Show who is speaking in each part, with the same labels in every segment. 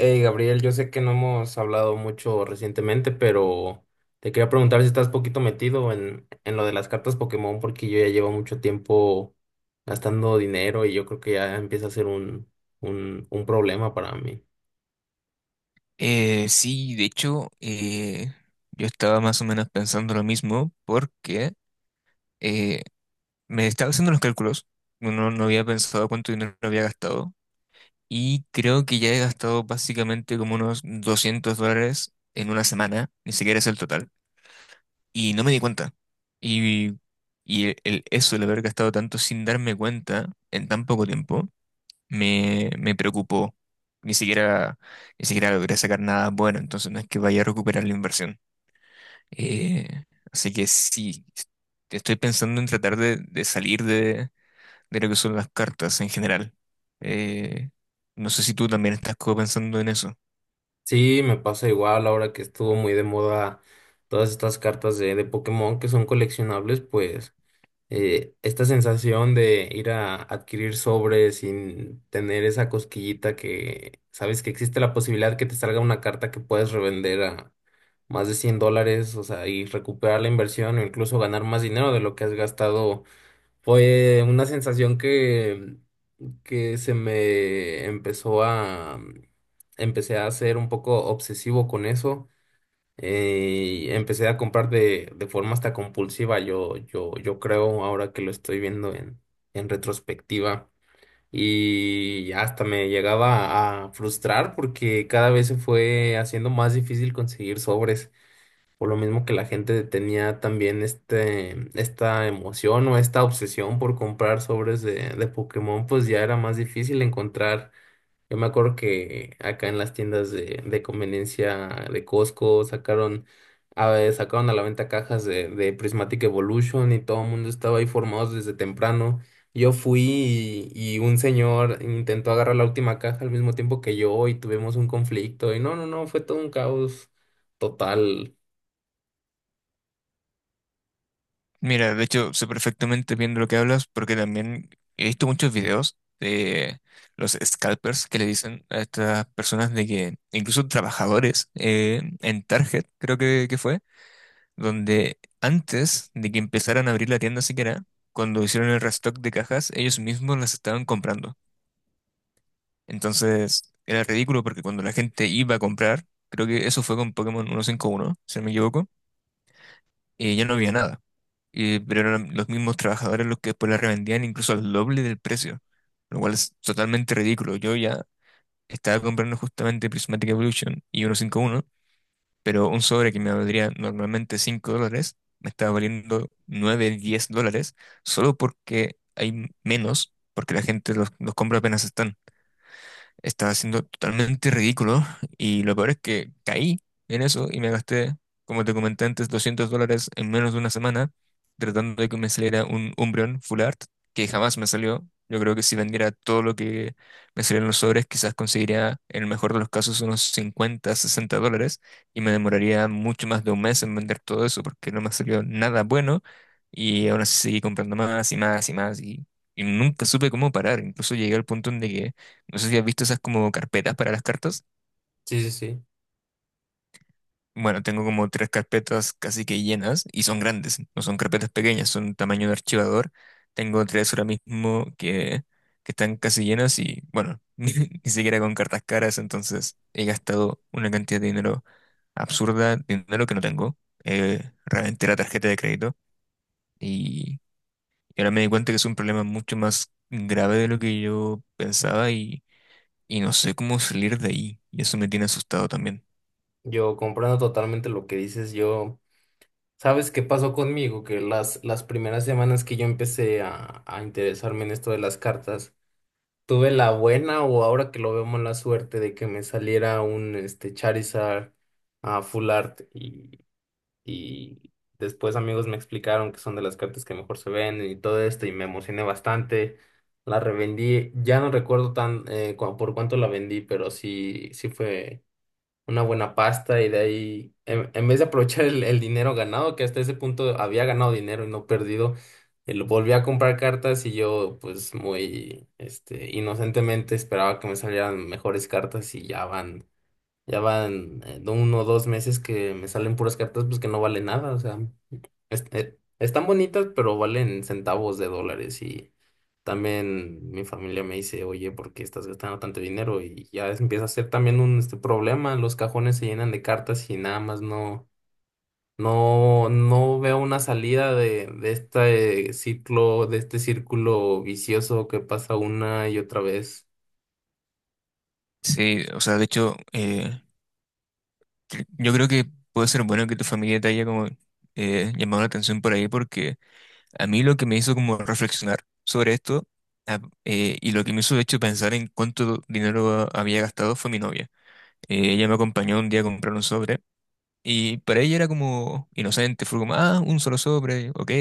Speaker 1: Hey Gabriel, yo sé que no hemos hablado mucho recientemente, pero te quería preguntar si estás poquito metido en lo de las cartas Pokémon, porque yo ya llevo mucho tiempo gastando dinero y yo creo que ya empieza a ser un problema para mí.
Speaker 2: Sí, de hecho, yo estaba más o menos pensando lo mismo porque eh, me estaba haciendo los cálculos, no había pensado cuánto dinero había gastado y creo que ya he gastado básicamente como unos $200 en una semana, ni siquiera es el total, y no me di cuenta. Y, Eso, el haber gastado tanto sin darme cuenta en tan poco tiempo, me preocupó. Ni siquiera, ni siquiera logré sacar nada bueno, entonces no es que vaya a recuperar la inversión. Eh, Así que sí, estoy pensando en tratar de salir de lo que son las cartas en general. Eh, no sé si tú también estás como pensando en eso.
Speaker 1: Sí, me pasa igual ahora que estuvo muy de moda todas estas cartas de Pokémon que son coleccionables, pues esta sensación de ir a adquirir sobres sin tener esa cosquillita que sabes que existe la posibilidad que te salga una carta que puedes revender a más de $100, o sea, y recuperar la inversión o incluso ganar más dinero de lo que has gastado, fue una sensación que se me empezó a, empecé a ser un poco obsesivo con eso, y empecé a comprar de forma hasta compulsiva, yo creo ahora que lo estoy viendo en retrospectiva. Y hasta me llegaba a frustrar porque cada vez se fue haciendo más difícil conseguir sobres, por lo mismo que la gente tenía también este, esta emoción o esta obsesión por comprar sobres de Pokémon, pues ya era más difícil encontrar. Yo me acuerdo que acá en las tiendas de conveniencia de Costco sacaron a, ver, sacaron a la venta cajas de Prismatic Evolution y todo el mundo estaba ahí formados desde temprano. Yo fui y un señor intentó agarrar la última caja al mismo tiempo que yo y tuvimos un conflicto y no, fue todo un caos total.
Speaker 2: Mira, de hecho, sé perfectamente bien de lo que hablas porque también he visto muchos videos de los scalpers que le dicen a estas personas de que incluso trabajadores en Target, creo que fue. Donde antes de que empezaran a abrir la tienda siquiera, cuando hicieron el restock de cajas, ellos mismos las estaban comprando. Entonces era ridículo porque cuando la gente iba a comprar, creo que eso fue con Pokémon 151, si no me equivoco, y ya no había nada. Pero eran los mismos trabajadores los que después la revendían incluso al doble del precio, lo cual es totalmente ridículo. Yo ya estaba comprando justamente Prismatic Evolution y 151, pero un sobre que me valdría normalmente $5, me está valiendo 9-10 dólares, solo porque hay menos, porque la gente los compra apenas están. Estaba siendo totalmente ridículo y lo peor es que caí en eso y me gasté, como te comenté antes, $200 en menos de una semana tratando de que me saliera un Umbreon Full Art que jamás me salió. Yo creo que si vendiera todo lo que me salían los sobres, quizás conseguiría, en el mejor de los casos, unos 50-60 dólares y me demoraría mucho más de un mes en vender todo eso porque no me salió nada bueno y aún así seguí comprando más y más y más y nunca supe cómo parar. Incluso llegué al punto en de que no sé si has visto esas como carpetas para las cartas.
Speaker 1: Sí, sí, sí.
Speaker 2: Bueno, tengo como tres carpetas casi que llenas y son grandes, no son carpetas pequeñas, son tamaño de archivador. Tengo tres ahora mismo que están casi llenas y bueno, ni siquiera con cartas caras, entonces he gastado una cantidad de dinero absurda, dinero que no tengo. Reventé la tarjeta de crédito y, y ahora me di cuenta que es un problema mucho más grave de lo que yo pensaba y no sé cómo salir de ahí y eso me tiene asustado también.
Speaker 1: Yo comprendo totalmente lo que dices. Yo, ¿sabes qué pasó conmigo? Que las primeras semanas que yo empecé a interesarme en esto de las cartas, tuve la buena o ahora que lo vemos la suerte de que me saliera un este Charizard a full art, y después amigos me explicaron que son de las cartas que mejor se ven y todo esto y me emocioné bastante. La revendí, ya no recuerdo tan por cuánto la vendí, pero sí, sí fue una buena pasta, y de ahí, en vez de aprovechar el dinero ganado, que hasta ese punto había ganado dinero y no perdido, lo volví a comprar cartas, y yo pues muy este, inocentemente esperaba que me salieran mejores cartas, y ya van de uno o dos meses que me salen puras cartas pues que no vale nada, o sea. Es- están bonitas, pero valen centavos de dólares. Y también mi familia me dice, oye, ¿por qué estás gastando tanto dinero? Y ya es- empieza a ser también un este, problema. Los cajones se llenan de cartas y nada más no veo una salida de este ciclo, de este círculo vicioso que pasa una y otra vez.
Speaker 2: Sí, o sea, de hecho, yo creo que puede ser bueno que tu familia te haya como llamado la atención por ahí, porque a mí lo que me hizo como reflexionar sobre esto y lo que me hizo de hecho pensar en cuánto dinero había gastado fue mi novia. Ella me acompañó un día a comprar un sobre y para ella era como inocente, fue como, ah, un solo sobre, ok,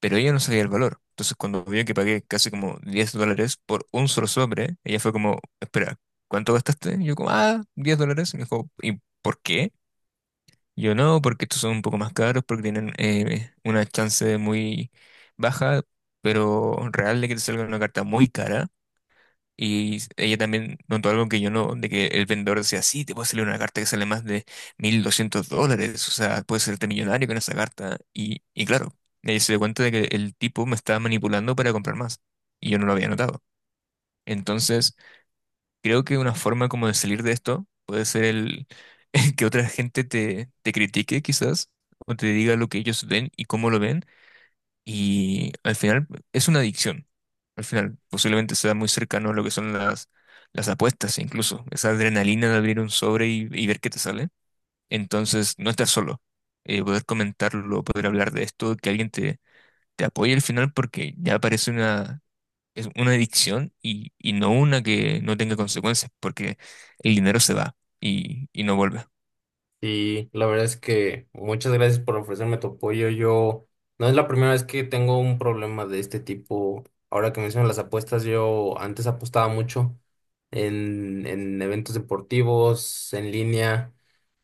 Speaker 2: pero ella no sabía el valor. Entonces, cuando vio que pagué casi como $10 por un solo sobre, ella fue como, espera, ¿cuánto gastaste? Y yo como, ah, 10 dólares. Y me dijo, ¿y por qué? Y yo no, porque estos son un poco más caros, porque tienen una chance muy baja, pero real de que te salga una carta muy cara. Y ella también notó algo que yo no, de que el vendedor decía, sí, te puede salir una carta que sale más de $1,200, o sea, puedes serte millonario con esa carta. Y claro, ella se dio cuenta de que el tipo me estaba manipulando para comprar más, y yo no lo había notado. Entonces, creo que una forma como de salir de esto puede ser el que otra gente te critique quizás, o te diga lo que ellos ven y cómo lo ven, y al final es una adicción. Al final posiblemente sea muy cercano a lo que son las apuestas, incluso. Esa adrenalina de abrir un sobre y ver qué te sale. Entonces, no estar solo. Poder comentarlo, poder hablar de esto, que alguien te apoye al final porque ya parece una, es una adicción y no una que no tenga consecuencias, porque el dinero se va y no vuelve.
Speaker 1: Sí, la verdad es que muchas gracias por ofrecerme tu apoyo. Yo no es la primera vez que tengo un problema de este tipo. Ahora que mencionas las apuestas, yo antes apostaba mucho en eventos deportivos, en línea,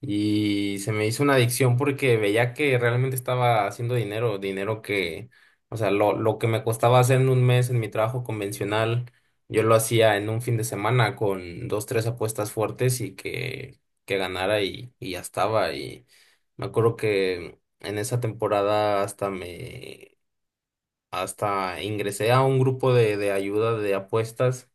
Speaker 1: y se me hizo una adicción porque veía que realmente estaba haciendo dinero, dinero o sea, lo que me costaba hacer en un mes en mi trabajo convencional, yo lo hacía en un fin de semana con dos, tres apuestas fuertes y que ganara y ya estaba. Y me acuerdo que en esa temporada hasta me, hasta ingresé a un grupo de ayuda de apuestas.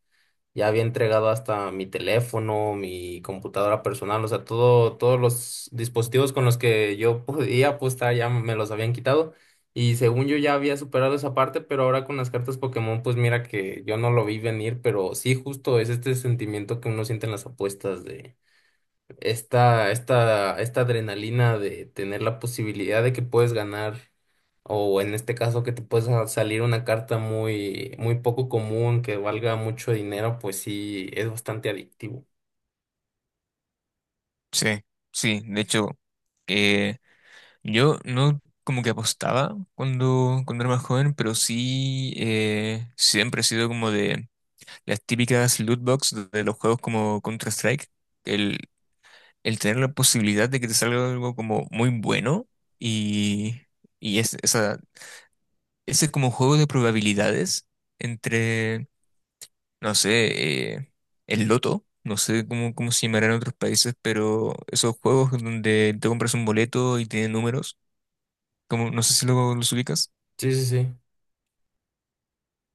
Speaker 1: Ya había entregado hasta mi teléfono, mi computadora personal, o sea, todo, todos los dispositivos con los que yo podía apostar ya me los habían quitado. Y según yo ya había superado esa parte, pero ahora con las cartas Pokémon, pues mira que yo no lo vi venir, pero sí justo es este sentimiento que uno siente en las apuestas de esta adrenalina de tener la posibilidad de que puedes ganar, o en este caso que te puedes salir una carta muy, muy poco común, que valga mucho dinero, pues sí, es bastante adictivo.
Speaker 2: Sí, sí, de hecho, eh, yo no como que apostaba cuando era más joven, pero sí siempre he sido como de las típicas loot box de los juegos como Counter-Strike. El, el tener la posibilidad de que te salga algo como muy bueno y, y ese como juego de probabilidades entre, no sé, el loto. No sé cómo se llamará en otros países, pero esos juegos donde te compras un boleto y tiene números, como, no sé si luego los ubicas.
Speaker 1: Sí, sí, sí.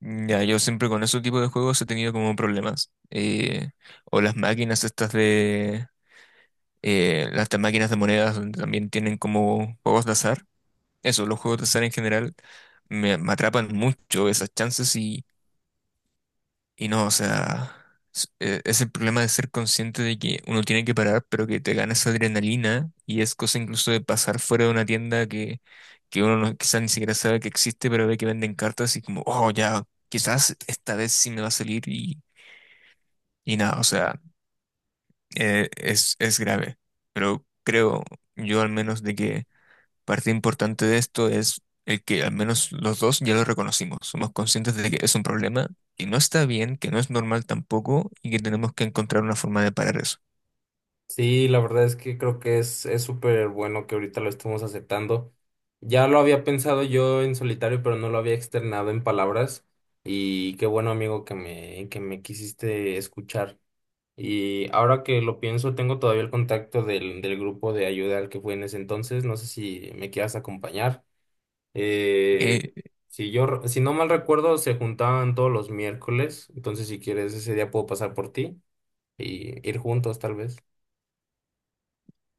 Speaker 2: Mm, ya, yo siempre con ese tipo de juegos he tenido como problemas. O las máquinas estas de... las de máquinas de monedas donde también tienen como juegos de azar. Eso, los juegos de azar en general me atrapan mucho esas chances y no, o sea, es el problema de ser consciente de que uno tiene que parar, pero que te gana esa adrenalina y es cosa incluso de pasar fuera de una tienda que uno no, quizás ni siquiera sabe que existe, pero ve que venden cartas y como, oh, ya, quizás esta vez sí me va a salir y nada, o sea, es grave. Pero creo yo al menos de que parte importante de esto es el que al menos los dos ya lo reconocimos, somos conscientes de que es un problema, que no está bien, que no es normal tampoco y que tenemos que encontrar una forma de parar eso.
Speaker 1: Sí, la verdad es que creo que es súper bueno que ahorita lo estemos aceptando. Ya lo había pensado yo en solitario, pero no lo había externado en palabras. Y qué bueno, amigo, que me quisiste escuchar. Y ahora que lo pienso, tengo todavía el contacto del grupo de ayuda al que fui en ese entonces. No sé si me quieras acompañar. Eh,
Speaker 2: Eh,
Speaker 1: si yo, re- si no mal recuerdo, se juntaban todos los miércoles. Entonces, si quieres, ese día puedo pasar por ti y ir juntos, tal vez.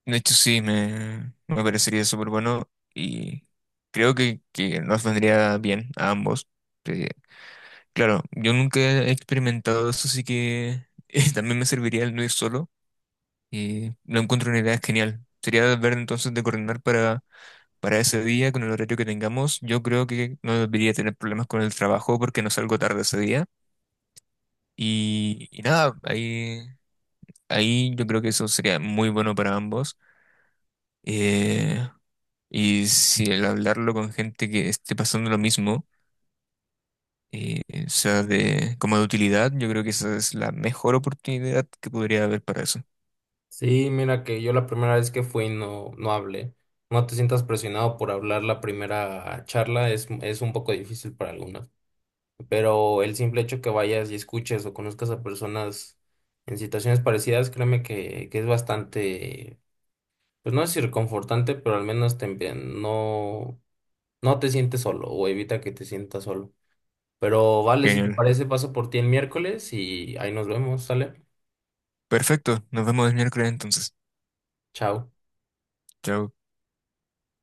Speaker 2: de hecho, sí, me parecería súper bueno y creo que nos vendría bien a ambos. Eh, claro, yo nunca he experimentado eso, así que también me serviría el no ir solo y lo encuentro una idea genial. Sería ver entonces de coordinar para ese día, con el horario que tengamos, yo creo que no debería tener problemas con el trabajo porque no salgo tarde ese día. Y nada, ahí yo creo que eso sería muy bueno para ambos. Eh, y si el hablarlo con gente que esté pasando lo mismo, eh, sea como de utilidad, yo creo que esa es la mejor oportunidad que podría haber para eso.
Speaker 1: Sí, mira que yo la primera vez que fui no hablé. No te sientas presionado por hablar la primera charla. Es un poco difícil para algunos, pero el simple hecho que vayas y escuches o conozcas a personas en situaciones parecidas, créeme que es bastante, pues no es reconfortante, pero al menos te, empie- no, no te sientes solo o evita que te sientas solo. Pero vale, si te
Speaker 2: Genial.
Speaker 1: parece, paso por ti el miércoles y ahí nos vemos, ¿sale?
Speaker 2: Perfecto, nos vemos el miércoles entonces.
Speaker 1: Chao.
Speaker 2: Chao.